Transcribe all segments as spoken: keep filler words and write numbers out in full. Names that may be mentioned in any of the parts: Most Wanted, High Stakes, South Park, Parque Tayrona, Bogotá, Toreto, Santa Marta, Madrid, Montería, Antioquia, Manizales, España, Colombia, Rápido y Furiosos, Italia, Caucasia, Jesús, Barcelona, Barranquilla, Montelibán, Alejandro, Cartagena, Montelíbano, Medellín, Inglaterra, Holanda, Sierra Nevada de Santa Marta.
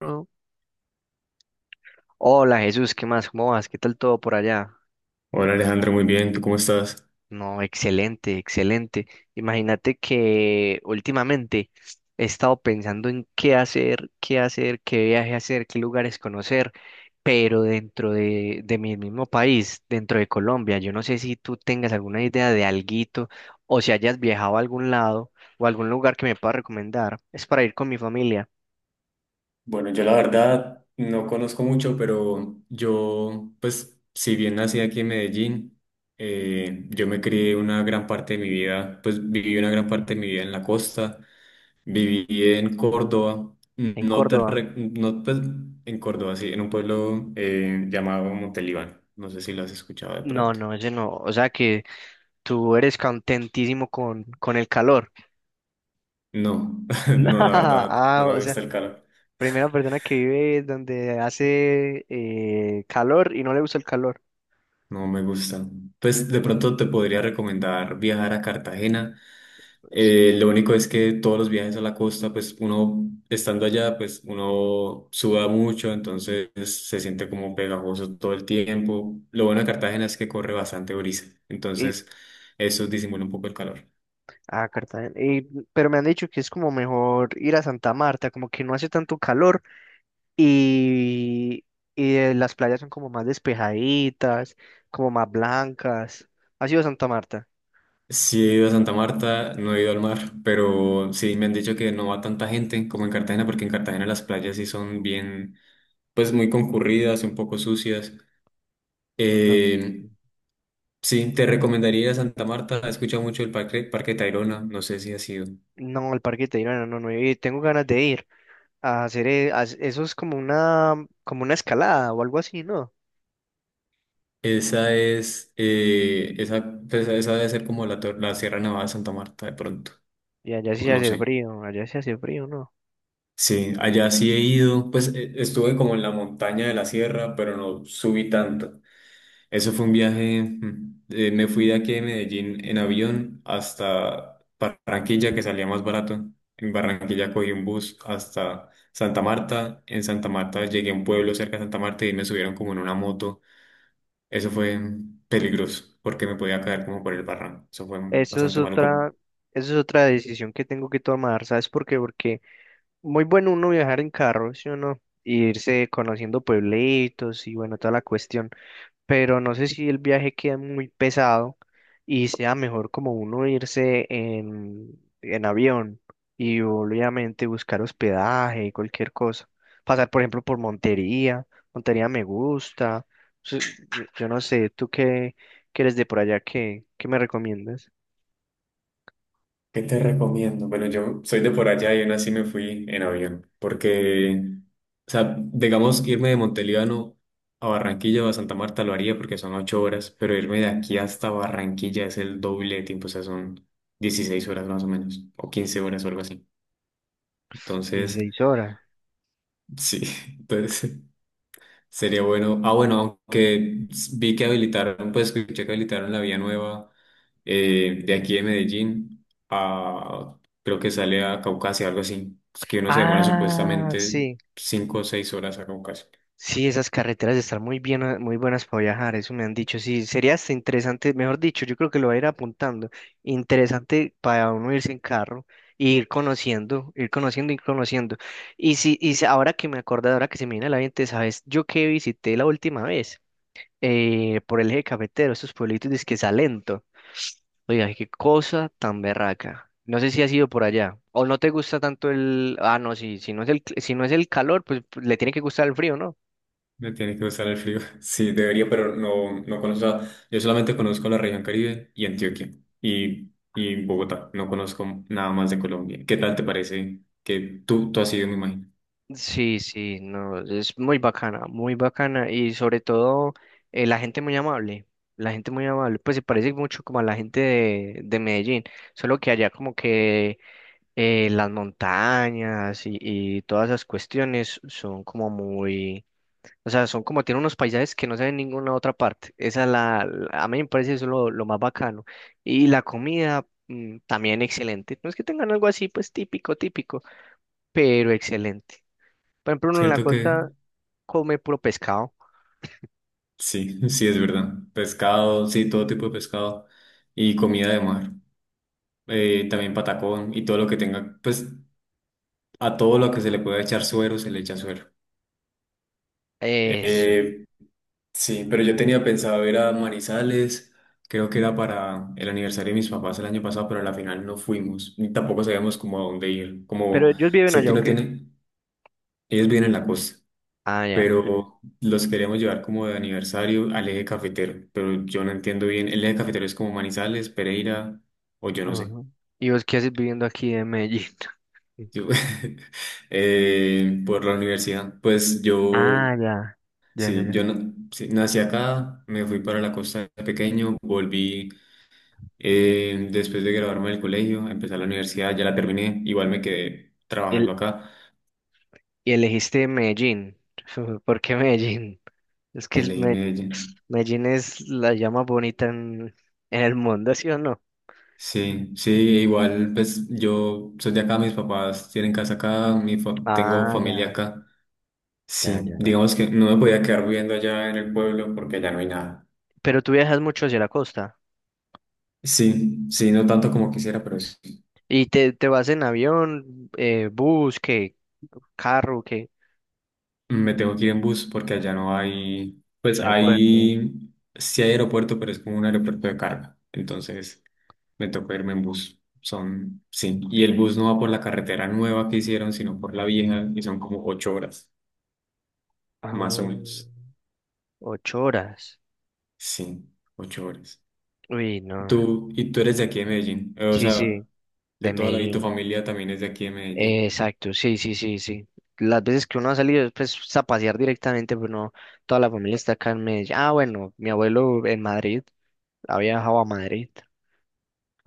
¿No? Hola Jesús, ¿qué más? ¿Cómo vas? ¿Qué tal todo por allá? Hola Alejandro, muy bien, ¿tú cómo estás? No, excelente, excelente. Imagínate que últimamente he estado pensando en qué hacer, qué hacer, qué viaje hacer, qué lugares conocer, pero dentro de, de mi mismo país, dentro de Colombia, yo no sé si tú tengas alguna idea de alguito o si hayas viajado a algún lado o algún lugar que me pueda recomendar. Es para ir con mi familia Bueno, yo la verdad no conozco mucho, pero yo, pues, si bien nací aquí en Medellín, eh, yo me crié una gran parte de mi vida, pues viví una gran parte de mi vida en la costa, viví en Córdoba, en no te, Córdoba. re- no, pues, en Córdoba, sí, en un pueblo eh, llamado Montelibán, no sé si lo has escuchado de No, pronto. no, ese no. O sea que... Tú eres contentísimo con, con el calor. No, no, la verdad, no Ah, me o sea, gusta el calor. primera persona que vive donde hace eh, calor y no le gusta el calor. No me gusta. Pues de pronto te podría recomendar viajar a Cartagena. Eh, lo único es que todos los viajes a la costa, pues uno estando allá, pues uno suda mucho, entonces se siente como pegajoso todo el tiempo. Lo bueno de Cartagena es que corre bastante brisa, Y, entonces eso disimula un poco el calor. ah, Cartagena. Y pero me han dicho que es como mejor ir a Santa Marta, como que no hace tanto calor y, y eh, las playas son como más despejaditas, como más blancas. ¿Has ido a Santa Marta? Sí he ido a Santa Marta, no he ido al mar, pero sí me han dicho que no va tanta gente como en Cartagena, porque en Cartagena las playas sí son bien, pues muy concurridas, un poco sucias. No. Eh, Sí, te recomendaría Santa Marta. He escuchado mucho el Parque, Parque Tayrona. No sé si ha sido. No, el Parque Tayrona, no, no, he ido. Tengo ganas de ir. A hacer e- a- eso es como una como una escalada o algo así, ¿no? Esa es, eh, esa, pues, esa debe ser como la, tor- la Sierra Nevada de Santa Marta de pronto. Y allá O sí no hace sé. frío, allá sí hace frío, ¿no? Sí, allá sí he ido. Pues eh, estuve como en la montaña de la sierra, pero no subí tanto. Eso fue un viaje, mm, eh, me fui de aquí de Medellín en avión hasta Barranquilla, que salía más barato. En Barranquilla cogí un bus hasta Santa Marta. En Santa Marta llegué a un pueblo cerca de Santa Marta y me subieron como en una moto. Eso fue mm, peligroso porque me podía caer como por el barranco. Eso fue mm, Eso es bastante maluco. otra, eso es otra decisión que tengo que tomar, ¿sabes por qué? Porque muy bueno uno viajar en carro, ¿sí o no? Y irse conociendo pueblitos y bueno, toda la cuestión. Pero no sé si el viaje queda muy pesado y sea mejor como uno irse en, en avión y obviamente buscar hospedaje y cualquier cosa. Pasar, por ejemplo, por Montería. Montería me gusta. Su- Yo yo no sé, ¿tú qué, qué eres de por allá? ¿Qué, ¿qué me recomiendas? ¿Qué te recomiendo? Bueno, yo soy de por allá y aún así me fui en avión, porque, o sea, digamos, irme de Montelíbano a Barranquilla o a Santa Marta lo haría porque son ocho horas, pero irme de aquí hasta Barranquilla es el doble de tiempo, o sea, son dieciséis horas más o menos, o quince horas o algo así. Entonces, dieciséis horas. sí, entonces sería bueno. Ah, bueno, aunque vi que habilitaron, pues escuché que habilitaron la vía nueva eh, de aquí de Medellín a, creo que sale a Caucasia, algo así. Es que uno se demora Ah, supuestamente sí. cinco o seis horas a Caucasia. Sí, esas carreteras están muy bien, ah, muy buenas para viajar, eso me han dicho. Sí, sería hasta interesante, mejor dicho, yo creo que lo voy a ir apuntando. Interesante para uno irse en carro, e ir conociendo, ir conociendo, ir conociendo. Y si, y si- ahora que me acordé, ahora que se me viene a la mente, ¿sabes? Yo que visité la última vez eh, por el eje cafetero, esos pueblitos de Salento. Oiga, qué cosa tan berraca. No sé si has ido por allá. O no te gusta tanto el. Ah, no, sí, si no es el, si no es el calor, pues le tiene que gustar el frío, ¿no? Me tiene que gustar el frío. Sí, debería, pero no, no conozco. a- Yo solamente conozco la región Caribe y Antioquia y, y Bogotá. No conozco nada más de Colombia. ¿Qué tal te parece? Que tú, tú has ido, me imagino. Sí, sí, no, es muy bacana, muy bacana y sobre todo eh, la gente muy amable, la gente muy amable, pues se parece mucho como a la gente de, de Medellín, solo que allá como que eh, las montañas y, y todas esas cuestiones son como muy, o sea, son como tienen unos paisajes que no se ven en ninguna otra parte, esa es la, la- a mí me parece eso lo, lo más bacano y la comida mm, también excelente, no es que tengan algo así pues típico, típico, pero excelente. Por ejemplo, uno en la ¿Cierto que? costa come puro pescado. Sí, sí, es verdad. Pescado, sí, todo tipo de pescado y comida de mar eh, también patacón y todo lo que tenga, pues a todo lo que se le pueda echar suero, se le echa suero. Eso. Eh, sí, pero yo tenía pensado ir a Manizales, creo que era para el aniversario de mis papás el año pasado, pero a la final no fuimos, ni tampoco sabíamos como a dónde ir. Pero Como ellos viven sé allá, que ¿o no qué? tiene, ellos viven en la costa, Ah, ya. Eh, pero los queríamos llevar como de aniversario al eje cafetero, pero yo no entiendo bien, el eje cafetero es como Manizales, Pereira, o yo no sé. ajá. ¿Y vos qué haces viviendo aquí en Medellín? Yo- eh, por la universidad, pues yo Ah, ya. Ya, ya, sí, yo ya. na- sí, nací acá, me fui para la costa de pequeño, volví eh, después de graduarme del colegio, empecé la universidad, ya la terminé, igual me quedé trabajando El, acá, y elegiste Medellín. ¿Por qué Medellín? Es que el elegí Me- Medellín. Medellín es la llama bonita en, en el mundo, ¿sí o no? Sí, sí, igual pues yo soy de acá, mis papás tienen casa acá, mi fa- tengo Ah, familia ya, acá. ya, Sí, ya, ya. digamos que no me podía quedar viviendo allá en el pueblo porque allá no hay nada. Pero tú viajas mucho hacia la costa. Sí, sí, no tanto como quisiera, pero sí. ¿Y te, te vas en avión, eh, bus, qué? ¿Carro, qué? Me tengo que ir en bus porque allá no hay, pues Aeropuerto. hay, sí hay aeropuerto, pero es como un aeropuerto de carga. Entonces me tocó irme en bus. Son, sí. Y el bus no va por la carretera nueva que hicieron, sino por la vieja y son como ocho horas, Ah, más o menos. ocho horas. Sí, ocho horas. Uy, no. Tú, y tú eres de aquí de Medellín. eh, O Sí, sea, sí, de de toda la, y tu Medellín. familia también es de aquí de Eh, Medellín. exacto, sí, sí, sí, sí. Las veces que uno ha salido es pues pues, a pasear directamente, pero no, toda la familia está acá en Medellín. Ah, bueno, mi abuelo en Madrid, ha viajado a Madrid,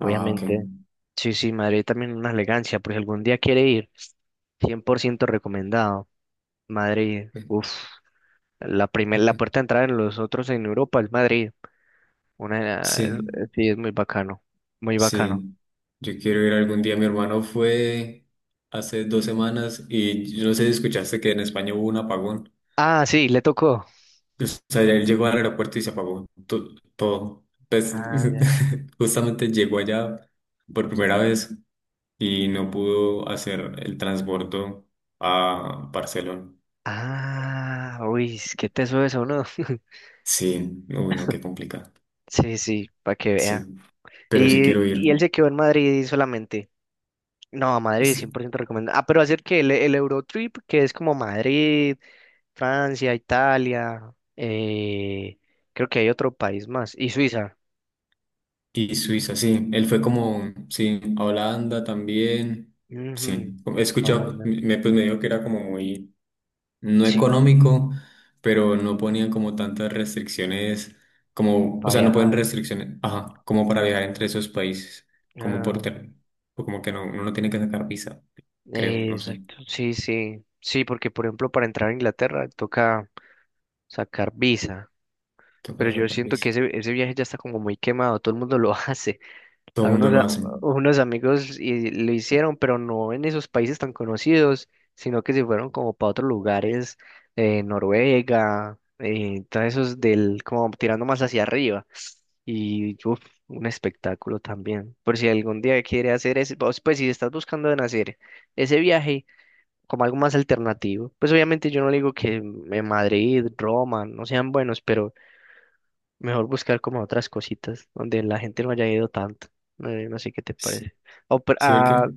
Ah, ok. Sí, sí, Madrid también una elegancia, por si algún día quiere ir, cien por ciento recomendado. Madrid, Ok, uff, la primer, ok. la puerta de entrada en los otros en Europa es Madrid. Una, eh, Sí. sí, es muy bacano, muy bacano. Sí, yo quiero ir algún día. Mi hermano fue hace dos semanas y yo no sé si escuchaste que en España hubo un apagón. Ah, sí, le tocó. O sea, él llegó al aeropuerto y se apagó to- todo. Pues Ah, justamente llegó allá por primera vez y no pudo hacer el transbordo a Barcelona. ah, uy, ¿qué que teso eso, ¿no? Sí, uy, no, qué complicado. Sí, sí, para que vea. Sí, pero sí quiero Y, ir. y él se quedó en Madrid solamente. No, Madrid cien por ciento recomendado. Ah, pero hacer que el, el Eurotrip, que es como Madrid, Francia, Italia, eh, creo que hay otro país más. Y Suiza. Y Suiza, sí. Él fue como, sí, a Holanda también. Ujú, Sí, he escuchado, Holanda. me, pues me dijo que era como muy, no Sí, económico, pero no ponían como tantas restricciones, como, o para sea, no ponen viajar. restricciones, ajá, como para viajar entre esos países, como por, Ah, ter- o como que no, uno no tiene que sacar visa, creo, no sé, exacto, sí, sí. Sí, porque por ejemplo para entrar a Inglaterra toca sacar visa. toca Pero yo sacar siento que visa. ese, ese viaje ya está como muy quemado, todo el mundo lo hace. Todo A el mundo unos, lo a- hace. unos amigos y lo hicieron, pero no en esos países tan conocidos, sino que se fueron como para otros lugares, eh, Noruega, eh, todos esos del, como tirando más hacia arriba. Y uf, un espectáculo también. Por si algún día quiere hacer ese, pues, pues, si estás buscando en hacer ese viaje como algo más alternativo, pues obviamente yo no le digo que eh, Madrid, Roma, no sean buenos, pero mejor buscar como otras cositas donde la gente no haya ido tanto. No, no sé qué te Sí, parece. O, per- sí, porque ah,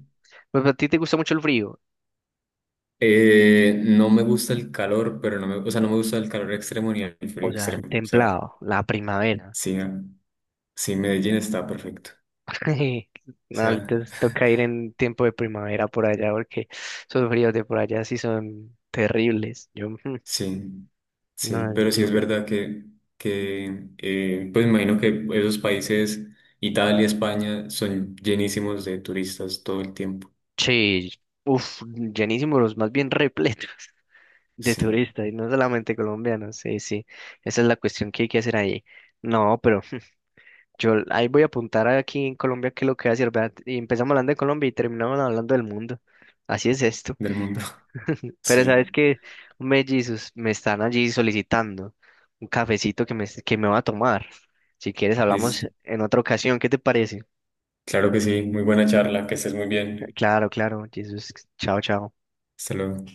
pues a ti te gusta mucho el frío. eh, no me gusta el calor, pero no me, o sea, no me gusta el calor extremo ni el O frío sea, extremo, el o sea. templado, la primavera. Sí, ¿no? Sí, Medellín está perfecto. O No, sea, entonces toca ir en tiempo de primavera por allá porque esos fríos de por allá sí son terribles. Yo, mm, sí, sí, no, yo, pero sí yo- es verdad que, que eh, pues imagino que esos países, Italia, España, son llenísimos de turistas todo el tiempo, sí, uf, llenísimos, los más bien repletos de sí, turistas y no solamente colombianos. Sí, sí, esa es la cuestión que hay que hacer ahí. No, pero. Yo ahí voy a apuntar aquí en Colombia que lo que voy a decir, ¿verdad? Y empezamos hablando de Colombia y terminamos hablando del mundo. Así es esto. del mundo. Pero sabes Sí, que, hombre, Jesus, me están allí solicitando un cafecito que me, que me va a tomar. Si quieres, hablamos listo. en otra ocasión. ¿Qué te parece? Claro que sí, muy buena charla, que estés muy bien. Claro, claro, Jesus. Chao, chao. Hasta luego.